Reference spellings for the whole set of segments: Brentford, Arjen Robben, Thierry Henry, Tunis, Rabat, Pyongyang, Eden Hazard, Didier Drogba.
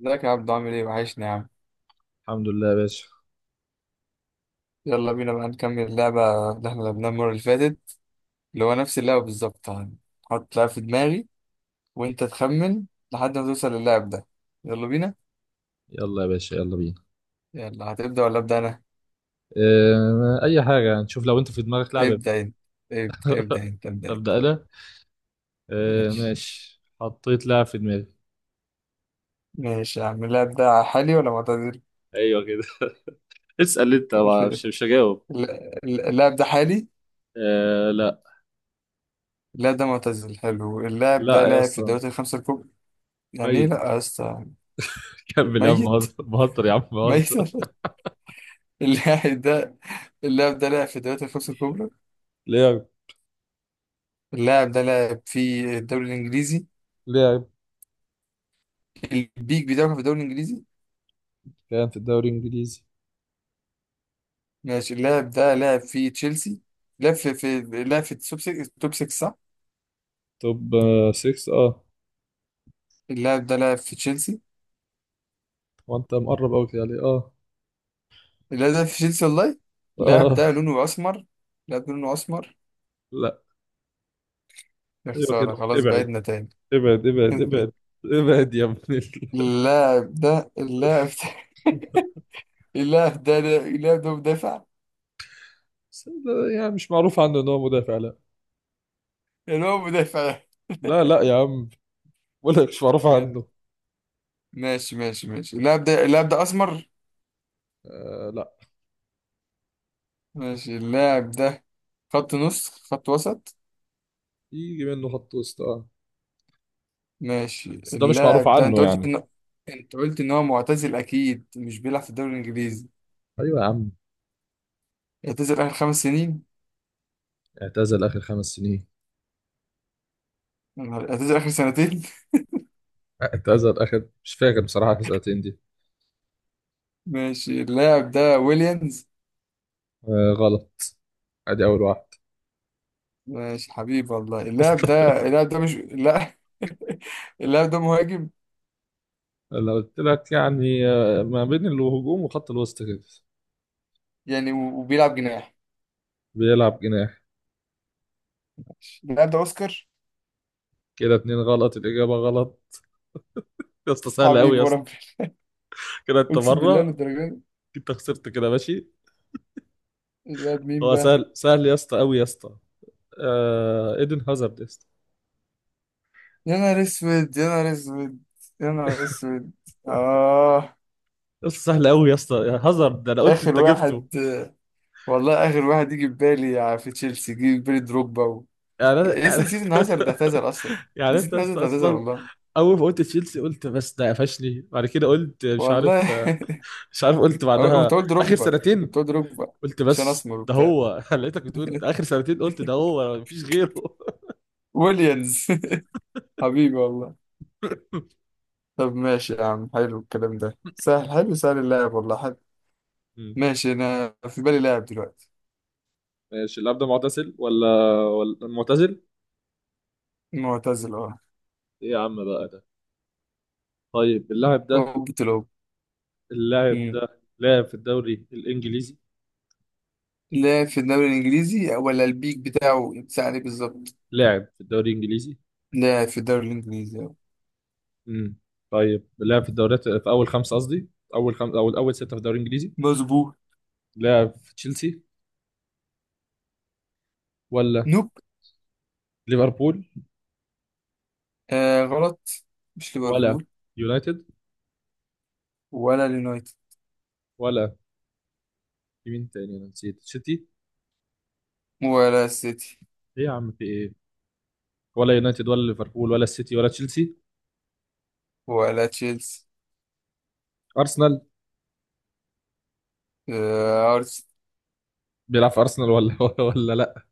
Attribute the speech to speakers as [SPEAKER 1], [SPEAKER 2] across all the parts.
[SPEAKER 1] ازيك يا عبدو؟ عامل ايه؟ وحشني يا عم.
[SPEAKER 2] الحمد لله يا باشا.
[SPEAKER 1] يلا بينا بقى نكمل اللعبة اللي احنا لعبناها المرة اللي فاتت، اللي هو نفس اللعبة بالظبط. هحط لعبة في دماغي وانت تخمن لحد ما توصل للاعب ده. يلا بينا.
[SPEAKER 2] يلا يا باشا، يلا بينا.
[SPEAKER 1] يلا، هتبدأ ولا أبدأ أنا؟
[SPEAKER 2] اه، اي حاجه نشوف لو انت في دماغك لعبه.
[SPEAKER 1] ابدأ انت. ابدأ، ابدأ انت.
[SPEAKER 2] ابدا انا. اه
[SPEAKER 1] ماشي.
[SPEAKER 2] ماشي، حطيت لعب في دماغي.
[SPEAKER 1] ماشي يا عم. اللاعب ده حالي ولا معتزل؟
[SPEAKER 2] ايوه كده. اسال انت، مش هجاوب.
[SPEAKER 1] اللاعب ده حالي؟
[SPEAKER 2] اه لا.
[SPEAKER 1] اللاعب ده معتزل. حلو. اللاعب ده
[SPEAKER 2] لا يا
[SPEAKER 1] لاعب في
[SPEAKER 2] اسطى.
[SPEAKER 1] الدوريات الخمسة الكبرى. يعني ايه لا
[SPEAKER 2] ميت.
[SPEAKER 1] يا اسطى؟
[SPEAKER 2] كمل يا عم،
[SPEAKER 1] ميت؟
[SPEAKER 2] بهزر بهزر يا عم،
[SPEAKER 1] ميت.
[SPEAKER 2] بهزر.
[SPEAKER 1] اللاعب ده، اللاعب ده لعب في الدوريات الخمسة الكبرى.
[SPEAKER 2] لعب.
[SPEAKER 1] اللاعب ده لعب في الدوري الإنجليزي.
[SPEAKER 2] لعب.
[SPEAKER 1] البيك بتاعه كان في الدوري الإنجليزي.
[SPEAKER 2] كان في الدوري الانجليزي.
[SPEAKER 1] ماشي، اللاعب ده لعب في تشيلسي. لعب في لعب في التوب 6. التوب 6 صح؟
[SPEAKER 2] توب 6، اه.
[SPEAKER 1] اللاعب ده لعب في تشيلسي.
[SPEAKER 2] وانت مقرب قوي كده عليه، اه.
[SPEAKER 1] اللاعب ده في تشيلسي والله. اللاعب
[SPEAKER 2] اه
[SPEAKER 1] ده لونه أسمر. اللاعب ده لونه أسمر.
[SPEAKER 2] لا.
[SPEAKER 1] يا
[SPEAKER 2] ايوه
[SPEAKER 1] خسارة،
[SPEAKER 2] كده،
[SPEAKER 1] خلاص
[SPEAKER 2] ابعد.
[SPEAKER 1] بعدنا تاني.
[SPEAKER 2] ابعد ابعد ابعد. ابعد يا ابني.
[SPEAKER 1] اللاعب ده اللاعب ده اللاعب ده اللاعب ده مدافع.
[SPEAKER 2] بس ده يعني مش معروف عنه ان هو مدافع، لا.
[SPEAKER 1] يعني هو مدافع.
[SPEAKER 2] لا لا يا عم، بقول لك مش معروف
[SPEAKER 1] بجد؟
[SPEAKER 2] عنه.
[SPEAKER 1] ماشي ماشي ماشي. اللاعب ده، اللاعب ده أسمر.
[SPEAKER 2] آه لا.
[SPEAKER 1] ماشي. اللاعب ده خط نص، خط وسط.
[SPEAKER 2] يجي منه خط وسط، اه.
[SPEAKER 1] ماشي
[SPEAKER 2] بس ده مش معروف
[SPEAKER 1] اللاعب ده.
[SPEAKER 2] عنه يعني.
[SPEAKER 1] انت قلت ان هو معتزل، اكيد مش بيلعب في الدوري الانجليزي.
[SPEAKER 2] ايوه يا عم.
[SPEAKER 1] اعتزل اخر خمس سنين.
[SPEAKER 2] اعتزل اخر خمس سنين.
[SPEAKER 1] اعتزل اخر سنتين.
[SPEAKER 2] اعتزل اخر مش فاكر بصراحه اخر سنتين دي.
[SPEAKER 1] ماشي، اللاعب ده ويليامز.
[SPEAKER 2] آه غلط. ادي اول واحد.
[SPEAKER 1] ماشي حبيبي والله. اللاعب ده مش لا. اللاعب ده مهاجم.
[SPEAKER 2] لو قلت لك يعني ما بين الهجوم وخط الوسط كده.
[SPEAKER 1] وبيلعب جناح.
[SPEAKER 2] بيلعب جناح.
[SPEAKER 1] اللاعب ده اوسكار.
[SPEAKER 2] كده اتنين غلط، الاجابه غلط. يا اسطى سهل قوي
[SPEAKER 1] حبيبي
[SPEAKER 2] يا اسطى.
[SPEAKER 1] وربنا،
[SPEAKER 2] كده انت
[SPEAKER 1] اقسم بالله
[SPEAKER 2] مره.
[SPEAKER 1] للدرجه دي.
[SPEAKER 2] انت خسرت كده، ماشي.
[SPEAKER 1] اللاعب مين
[SPEAKER 2] هو
[SPEAKER 1] بقى؟
[SPEAKER 2] سهل، سهل يا اسطى، قوي يا اسطى. ايدن هازارد يا اسطى.
[SPEAKER 1] يا نهار اسود، يا نهار اسود، يا نهار اسود. اه.
[SPEAKER 2] قصة سهلة قوي يا اسطى، يا هازارد ده انا قلت
[SPEAKER 1] اخر
[SPEAKER 2] انت جبته.
[SPEAKER 1] واحد، والله اخر واحد يجي في بالي، في تشيلسي يجي في بالي دروجبا و...
[SPEAKER 2] يعني انا
[SPEAKER 1] لسه
[SPEAKER 2] يعني
[SPEAKER 1] نسيت ان هازارد اعتذر اصلا.
[SPEAKER 2] يعني
[SPEAKER 1] نسيت
[SPEAKER 2] انت
[SPEAKER 1] ان هازارد اعتذر
[SPEAKER 2] اصلا،
[SPEAKER 1] والله.
[SPEAKER 2] اول ما قلت تشيلسي قلت بس ده قفشني، بعد كده قلت مش
[SPEAKER 1] والله.
[SPEAKER 2] عارف. مش عارف قلت بعدها.
[SPEAKER 1] كنت اقول
[SPEAKER 2] اخر
[SPEAKER 1] دروجبا،
[SPEAKER 2] سنتين.
[SPEAKER 1] كنت اقول دروجبا.
[SPEAKER 2] قلت
[SPEAKER 1] عشان
[SPEAKER 2] بس
[SPEAKER 1] اسمر
[SPEAKER 2] ده
[SPEAKER 1] وبتاع.
[SPEAKER 2] هو لقيتك بتقول اخر سنتين، قلت ده هو مفيش غيره.
[SPEAKER 1] ويليامز. حبيبي والله. طب ماشي يا عم، حلو الكلام ده. سهل، حلو، سهل اللعب والله، حلو.
[SPEAKER 2] مم.
[SPEAKER 1] ماشي، انا في بالي لاعب دلوقتي.
[SPEAKER 2] ماشي، اللاعب ده معتزل ولا؟ ولا معتزل.
[SPEAKER 1] معتزل اه.
[SPEAKER 2] ايه يا عم بقى ده؟ طيب، اللاعب ده.
[SPEAKER 1] اوبة الأوب.
[SPEAKER 2] اللاعب ده لاعب في الدوري الانجليزي.
[SPEAKER 1] لا في الدوري الانجليزي، ولا البيك بتاعه يتساع عليه بالظبط.
[SPEAKER 2] لاعب في الدوري الانجليزي.
[SPEAKER 1] لا في الدوري الانجليزي.
[SPEAKER 2] امم طيب لعب في الدوريات في اول خمسه، قصدي اول خمسه او اول سته في الدوري الانجليزي.
[SPEAKER 1] مظبوط.
[SPEAKER 2] لعب في تشيلسي ولا؟
[SPEAKER 1] نوب.
[SPEAKER 2] ليفربول
[SPEAKER 1] آه غلط، مش
[SPEAKER 2] ولا؟
[SPEAKER 1] ليفربول.
[SPEAKER 2] يونايتد
[SPEAKER 1] ولا اليونايتد،
[SPEAKER 2] ولا؟ في مين تاني؟ انا نسيت سيتي.
[SPEAKER 1] ولا السيتي،
[SPEAKER 2] ايه يا عم، في ايه؟ ولا يونايتد ولا ليفربول ولا السيتي ولا تشيلسي.
[SPEAKER 1] ولا تشيلسي.
[SPEAKER 2] ارسنال.
[SPEAKER 1] آه ارسنال.
[SPEAKER 2] بيلعب في ارسنال ولا ولا لا.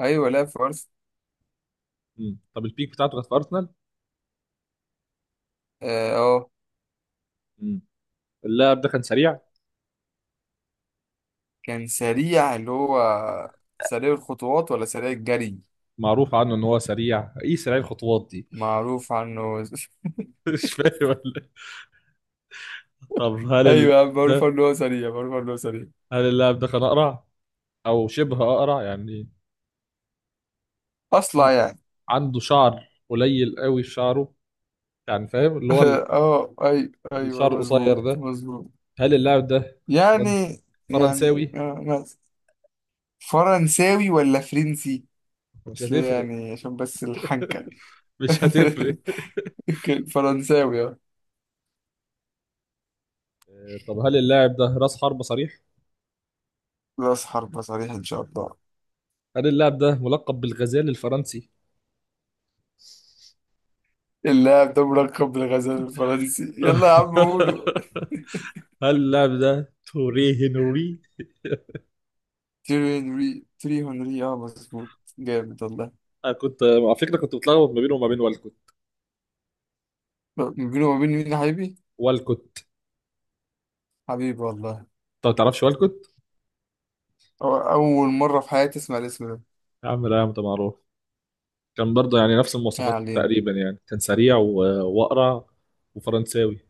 [SPEAKER 1] ايوه لا في ارسنال.
[SPEAKER 2] طب البيك بتاعته كانت في ارسنال.
[SPEAKER 1] اه. آه،
[SPEAKER 2] امم اللاعب ده كان سريع.
[SPEAKER 1] كان سريع اللي هو، سريع الخطوات ولا سريع الجري؟
[SPEAKER 2] معروف عنه ان هو سريع، ايه سريع الخطوات دي.
[SPEAKER 1] معروف عنه.
[SPEAKER 2] مش فاهم ولا إيه؟ طب هل
[SPEAKER 1] ايوه يا عم، معروف
[SPEAKER 2] ده،
[SPEAKER 1] عنه هو سريع، معروف عنه هو سريع.
[SPEAKER 2] هل اللاعب ده كان اقرع او شبه اقرع يعني،
[SPEAKER 1] اصلع يعني.
[SPEAKER 2] عنده شعر قليل قوي في شعره، يعني فاهم اللي هو
[SPEAKER 1] اه ايوه
[SPEAKER 2] الشعر
[SPEAKER 1] ايوه،
[SPEAKER 2] القصير
[SPEAKER 1] مظبوط
[SPEAKER 2] ده.
[SPEAKER 1] مظبوط.
[SPEAKER 2] هل اللاعب ده
[SPEAKER 1] يعني، يعني
[SPEAKER 2] فرنساوي.
[SPEAKER 1] آه، فرنساوي ولا فرنسي؟
[SPEAKER 2] مش
[SPEAKER 1] بس
[SPEAKER 2] هتفرق.
[SPEAKER 1] يعني عشان بس الحنكة.
[SPEAKER 2] مش هتفرق.
[SPEAKER 1] فرنساوي اه.
[SPEAKER 2] طب هل اللاعب ده راس حربة صريح؟
[SPEAKER 1] راس حربة صريح ان شاء الله.
[SPEAKER 2] هل اللاعب ده ملقب بالغزال الفرنسي؟
[SPEAKER 1] اللاعب ده ملقب بالغزال الفرنسي؟ يلا يا عم قولوا.
[SPEAKER 2] هل اللاعب ده توري هنري؟
[SPEAKER 1] تيري هنري. تيري هنري اه، مظبوط. جامد والله.
[SPEAKER 2] انا كنت على فكره كنت بتلخبط ما بينه وما بين والكوت.
[SPEAKER 1] ما بينه وما بين مين يا حبيبي؟
[SPEAKER 2] والكوت.
[SPEAKER 1] حبيبي والله.
[SPEAKER 2] انت ما تعرفش والكوت؟
[SPEAKER 1] أو أول مرة في حياتي أسمع الاسم ده.
[SPEAKER 2] يا عم لا يا عم، ده معروف. كان برضه يعني نفس
[SPEAKER 1] ما
[SPEAKER 2] المواصفات
[SPEAKER 1] علينا،
[SPEAKER 2] تقريبا، يعني كان سريع وأقرع وفرنساوي،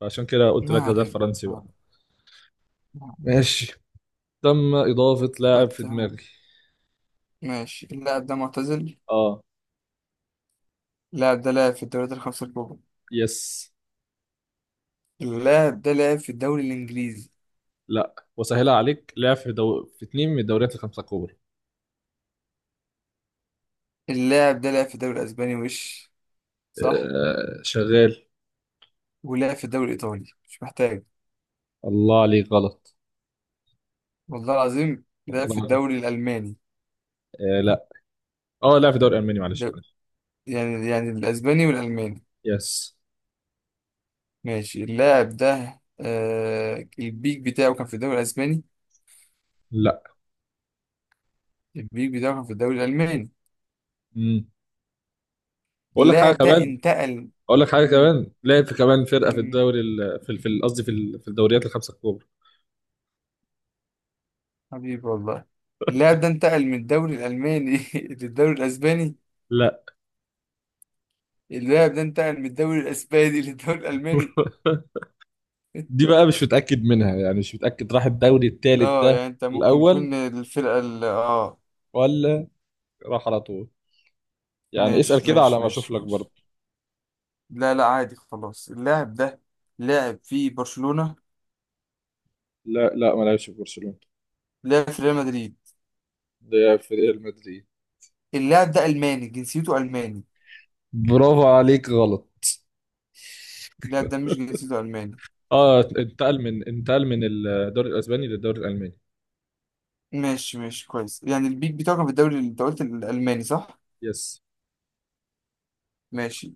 [SPEAKER 2] فعشان كده قلت
[SPEAKER 1] ما
[SPEAKER 2] لك غزال
[SPEAKER 1] علينا،
[SPEAKER 2] فرنسي بقى.
[SPEAKER 1] ما علينا.
[SPEAKER 2] ماشي. تم إضافة لاعب في
[SPEAKER 1] قلت
[SPEAKER 2] دماغي.
[SPEAKER 1] يعني. ماشي، اللاعب ده معتزل.
[SPEAKER 2] اه.
[SPEAKER 1] اللاعب ده لعب في الدوريات الخمسة الكبرى.
[SPEAKER 2] يس.
[SPEAKER 1] اللاعب ده لعب في الدوري الإنجليزي.
[SPEAKER 2] لا، وسهلة عليك، لاعب في في اتنين من الدوريات الخمسة الكبرى.
[SPEAKER 1] اللاعب ده لعب في الدوري الأسباني وش، صح؟
[SPEAKER 2] آه شغال.
[SPEAKER 1] ولعب في الدوري الإيطالي، مش محتاج.
[SPEAKER 2] الله عليك غلط.
[SPEAKER 1] والله العظيم لعب في
[SPEAKER 2] الله غلط.
[SPEAKER 1] الدوري الألماني.
[SPEAKER 2] آه لا. اه لاعب في الدوري الألماني، معلش
[SPEAKER 1] ده
[SPEAKER 2] معلش.
[SPEAKER 1] يعني، يعني الأسباني والألماني.
[SPEAKER 2] يس.
[SPEAKER 1] ماشي، اللاعب ده آه البيك بتاعه كان في الدوري الأسباني.
[SPEAKER 2] لا.
[SPEAKER 1] البيك بتاعه كان في الدوري الألماني.
[SPEAKER 2] مم. أقول لك حاجة
[SPEAKER 1] اللاعب ده
[SPEAKER 2] كمان.
[SPEAKER 1] انتقل.
[SPEAKER 2] أقول لك حاجة
[SPEAKER 1] مم،
[SPEAKER 2] كمان، لعب في كمان فرقة في
[SPEAKER 1] مم،
[SPEAKER 2] الدوري قصدي في الدوريات الخمسة الكبرى.
[SPEAKER 1] حبيبي والله. اللاعب ده انتقل من الدوري الألماني للدوري الأسباني.
[SPEAKER 2] لا.
[SPEAKER 1] اللاعب ده انتقل من الدوري الاسباني للدوري الالماني.
[SPEAKER 2] دي بقى مش متأكد منها، يعني مش متأكد راح الدوري التالت
[SPEAKER 1] اه
[SPEAKER 2] ده
[SPEAKER 1] يعني انت ممكن
[SPEAKER 2] الأول
[SPEAKER 1] يكون الفرقة ال اه.
[SPEAKER 2] ولا راح على طول. يعني اسأل
[SPEAKER 1] ماشي
[SPEAKER 2] كده على
[SPEAKER 1] ماشي
[SPEAKER 2] ما أشوف
[SPEAKER 1] ماشي
[SPEAKER 2] لك
[SPEAKER 1] ماشي.
[SPEAKER 2] برضه.
[SPEAKER 1] لا لا عادي خلاص. اللاعب ده لاعب في برشلونة.
[SPEAKER 2] لا لا، ما لعبش في برشلونة.
[SPEAKER 1] لاعب في ريال مدريد.
[SPEAKER 2] ده في ريال مدريد.
[SPEAKER 1] اللاعب ده ألماني، جنسيته ألماني.
[SPEAKER 2] برافو عليك، غلط.
[SPEAKER 1] اللاعب ده مش جنسيته ألماني.
[SPEAKER 2] اه، انتقل من الدوري الأسباني للدوري الألماني.
[SPEAKER 1] ماشي ماشي كويس. يعني البيك بتاعه كان في الدوري اللي انت قلت الألماني صح؟
[SPEAKER 2] يس.
[SPEAKER 1] ماشي.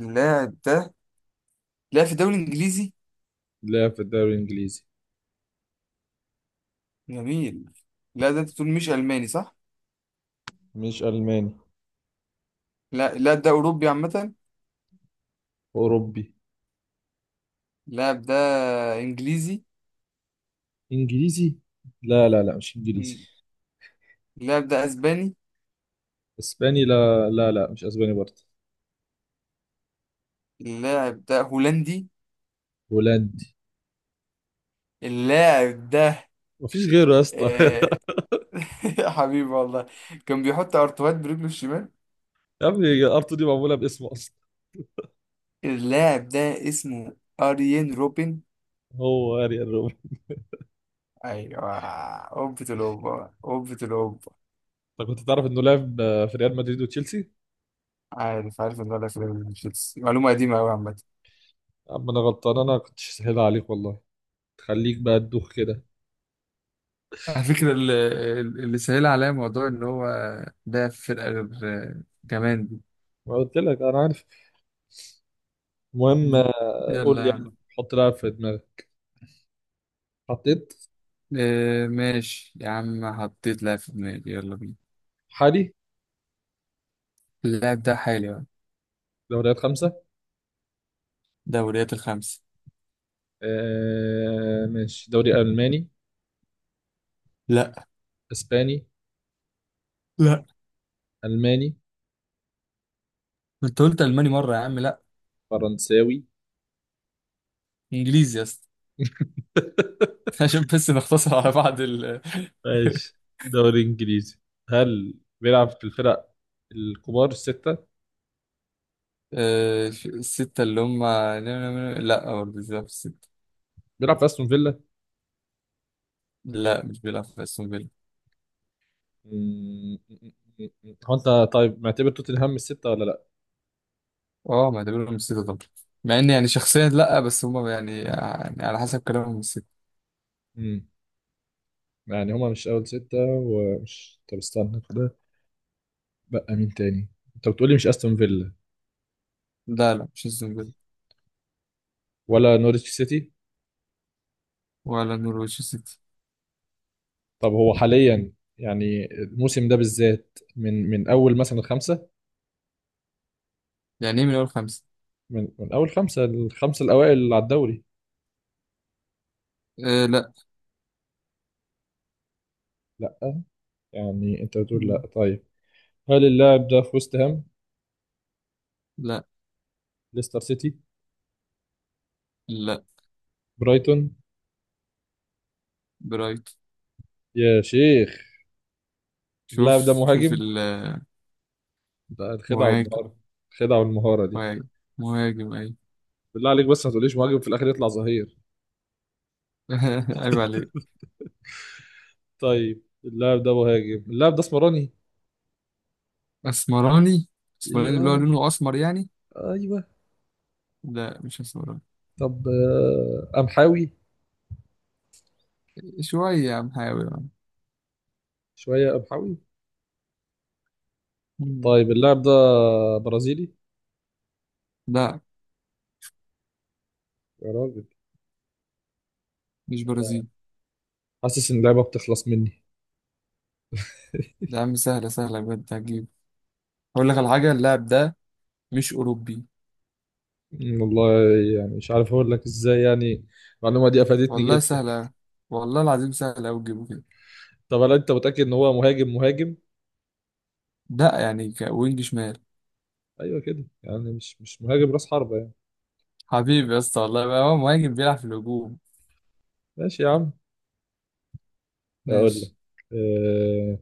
[SPEAKER 1] اللاعب ده لاعب في الدوري الإنجليزي.
[SPEAKER 2] لعب في الدوري الإنجليزي.
[SPEAKER 1] جميل. اللاعب ده انت بتقول مش ألماني صح؟
[SPEAKER 2] مش ألماني.
[SPEAKER 1] لا اللاعب ده أوروبي عامة.
[SPEAKER 2] أوروبي.
[SPEAKER 1] اللاعب ده انجليزي.
[SPEAKER 2] إنجليزي. لا لا لا، مش إنجليزي.
[SPEAKER 1] مم. اللاعب ده اسباني.
[SPEAKER 2] إسباني. لا لا لا، مش أسباني برضه.
[SPEAKER 1] اللاعب ده هولندي.
[SPEAKER 2] هولندي.
[SPEAKER 1] اللاعب ده
[SPEAKER 2] مفيش غيره يا اسطى
[SPEAKER 1] آه... حبيبي والله. كان بيحط ارتوهات برجله الشمال.
[SPEAKER 2] يا ابني، ارتو دي معموله باسمه.
[SPEAKER 1] اللاعب ده اسمه اريين روبن.
[SPEAKER 2] هو اريال روبن.
[SPEAKER 1] ايوه. اوبة الاوبة، اوبة الاوبة.
[SPEAKER 2] انت كنت تعرف انه لعب في ريال مدريد وتشيلسي.
[SPEAKER 1] عارف، عارف ان ده في ريال تشيلسي، معلومة قديمة قوي عامة.
[SPEAKER 2] اما انا غلطان، انا كنت سهل عليك والله. تخليك بقى تدوخ كده.
[SPEAKER 1] على فكرة، اللي سهل عليا موضوع إن هو ده في فرقة غير كمان دي.
[SPEAKER 2] ما قلت لك انا عارف. المهم
[SPEAKER 1] مم.
[SPEAKER 2] قول
[SPEAKER 1] يلا يا
[SPEAKER 2] لي
[SPEAKER 1] عم.
[SPEAKER 2] يلا حط لاعب في دماغك. حطيت.
[SPEAKER 1] إيه ماشي يا عم، حطيت لاعب في دماغي، يلا بينا.
[SPEAKER 2] حالي.
[SPEAKER 1] اللاعب ده حالي بقى.
[SPEAKER 2] دوريات خمسة.
[SPEAKER 1] دوريات الخمسة.
[SPEAKER 2] ماشي، دوري ألماني.
[SPEAKER 1] لا.
[SPEAKER 2] إسباني.
[SPEAKER 1] لا.
[SPEAKER 2] ألماني.
[SPEAKER 1] ما انت قلت ألماني مرة يا عم، لا.
[SPEAKER 2] فرنساوي.
[SPEAKER 1] إنجليزي يا اسطى. عشان بس نختصر على بعض ال.
[SPEAKER 2] ماشي، دوري إنجليزي. هل بيلعب في الفرق الكبار الستة؟
[SPEAKER 1] إيه، الستة اللي هم. لا برضه مش بيلعب في الستة.
[SPEAKER 2] بيلعب في أستون فيلا.
[SPEAKER 1] لا مش بيلعب في أستون فيلا.
[SPEAKER 2] مم. هو انت طيب معتبر توتنهام الستة ولا لا؟
[SPEAKER 1] اه ما اعتبرهم الستة طبعا، مع ان يعني شخصيا لا، بس هم يعني، يعني على حسب كلامهم الستة.
[SPEAKER 2] مم. يعني هما مش اول ستة، ومش، طب استنى كده، بقى مين تاني؟ انت بتقولي مش استون فيلا
[SPEAKER 1] لا لا مش أستون فيلا.
[SPEAKER 2] ولا نورwich سيتي؟
[SPEAKER 1] ولا نورويتش سيتي.
[SPEAKER 2] طب هو حاليا، يعني الموسم ده بالذات، من اول مثلا الخمسة،
[SPEAKER 1] يعني ايه من أول خمسة؟
[SPEAKER 2] من اول خمسة، الخمسة الاوائل على الدوري.
[SPEAKER 1] إيه لا.
[SPEAKER 2] لا. يعني انت بتقول
[SPEAKER 1] مم.
[SPEAKER 2] لا. طيب، هل اللاعب ده في وست هام؟
[SPEAKER 1] لا.
[SPEAKER 2] ليستر سيتي؟
[SPEAKER 1] لا
[SPEAKER 2] برايتون؟
[SPEAKER 1] برايت.
[SPEAKER 2] يا شيخ. اللاعب ده
[SPEAKER 1] شوف. شوف
[SPEAKER 2] مهاجم؟
[SPEAKER 1] المهاجم.
[SPEAKER 2] ده الخدعة والمهارة. الخدعة والمهارة.
[SPEAKER 1] مهاجم. مهاجم اي.
[SPEAKER 2] بالله عليك بس ما تقوليش مهاجم في الاخر يطلع ظهير.
[SPEAKER 1] عيب عليك.
[SPEAKER 2] طيب، اللاعب ده مهاجم، اللاعب ده اسمراني.
[SPEAKER 1] اسمراني؟ اسمراني اللي هو
[SPEAKER 2] اه.
[SPEAKER 1] لونه اسمر يعني؟
[SPEAKER 2] ايوه.
[SPEAKER 1] لا مش اسمراني.
[SPEAKER 2] طب قمحاوي.
[SPEAKER 1] شوية يا عم، حاول يا عم.
[SPEAKER 2] شويه قمحاوي.
[SPEAKER 1] مم.
[SPEAKER 2] طيب اللاعب ده برازيلي.
[SPEAKER 1] لا
[SPEAKER 2] يا راجل.
[SPEAKER 1] مش
[SPEAKER 2] انا
[SPEAKER 1] برازيل.
[SPEAKER 2] حاسس ان اللعبه بتخلص مني.
[SPEAKER 1] ده يا عم سهلة، سهلة بجد هتجيب. اقول لك على حاجة، اللاعب ده مش اوروبي.
[SPEAKER 2] والله يعني مش عارف اقول لك ازاي يعني. المعلومه دي افادتني
[SPEAKER 1] والله
[SPEAKER 2] جدا.
[SPEAKER 1] سهلة، والله العظيم سهلة اوي تجيبه كده.
[SPEAKER 2] طب هل انت متاكد ان هو مهاجم مهاجم؟
[SPEAKER 1] لا يعني كوينج شمال.
[SPEAKER 2] ايوه كده، يعني مش مهاجم راس حربه يعني.
[SPEAKER 1] حبيبي يا اسطى والله بقى هو مهاجم، بيلعب في الهجوم.
[SPEAKER 2] ماشي يا عم. اقول لك،
[SPEAKER 1] ماشي.
[SPEAKER 2] أه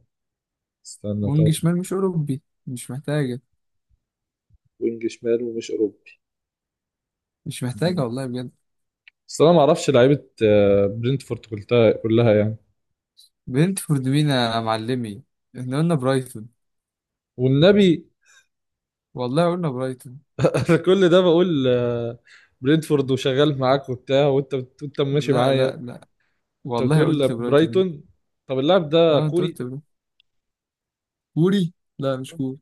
[SPEAKER 2] استنى
[SPEAKER 1] وينج
[SPEAKER 2] طيب.
[SPEAKER 1] شمال، مش اوروبي. مش محتاجة.
[SPEAKER 2] وينج شمال ومش اوروبي.
[SPEAKER 1] مش محتاجة والله بجد.
[SPEAKER 2] بس انا ما اعرفش لعيبه برينتفورد كلها كلها يعني.
[SPEAKER 1] برنتفورد مين يا معلمي؟ احنا قلنا برايتون.
[SPEAKER 2] والنبي
[SPEAKER 1] والله قلنا برايتون.
[SPEAKER 2] انا كل ده بقول برينتفورد وشغال معاك وبتاع، وانت وانت ماشي
[SPEAKER 1] لا
[SPEAKER 2] معايا.
[SPEAKER 1] لا لا،
[SPEAKER 2] انت
[SPEAKER 1] والله
[SPEAKER 2] بتقول
[SPEAKER 1] قلت برايتون انت.
[SPEAKER 2] برايتون. طب اللاعب ده
[SPEAKER 1] اه انت
[SPEAKER 2] كوري
[SPEAKER 1] قلت برايتون. كوري؟ لا مش كوري.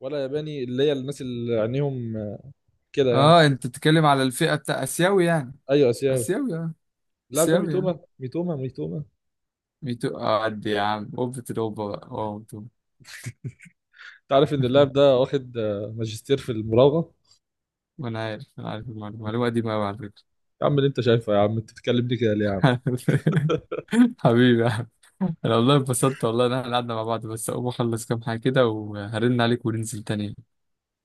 [SPEAKER 2] ولا ياباني، اللي هي الناس اللي عينيهم كده يعني.
[SPEAKER 1] اه انت بتتكلم على الفئة بتاع اسيوي يعني؟
[SPEAKER 2] ايوه اسيوي.
[SPEAKER 1] اسيوي اه.
[SPEAKER 2] اللاعب ده
[SPEAKER 1] اسيوي اه.
[SPEAKER 2] ميتوما ميتوما ميتوما.
[SPEAKER 1] ميتو اه، قد يا عم اوبة الاوبة بقى، اه ميتو.
[SPEAKER 2] انت عارف ان اللاعب ده واخد ماجستير في المراوغه.
[SPEAKER 1] وانا عارف، انا عارف المعلومة، المعلومة دي ما على فكرة.
[SPEAKER 2] يا عم اللي انت شايفه يا عم، انت بتتكلم دي كده ليه يا عم؟
[SPEAKER 1] حبيبي يا عم. انا والله انبسطت والله ان احنا قعدنا مع بعض. بس اقوم اخلص كام حاجة كده وهرن عليك وننزل تاني.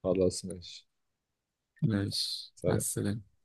[SPEAKER 2] خلاص ماشي.
[SPEAKER 1] ماشي مع
[SPEAKER 2] سلام.
[SPEAKER 1] السلامة.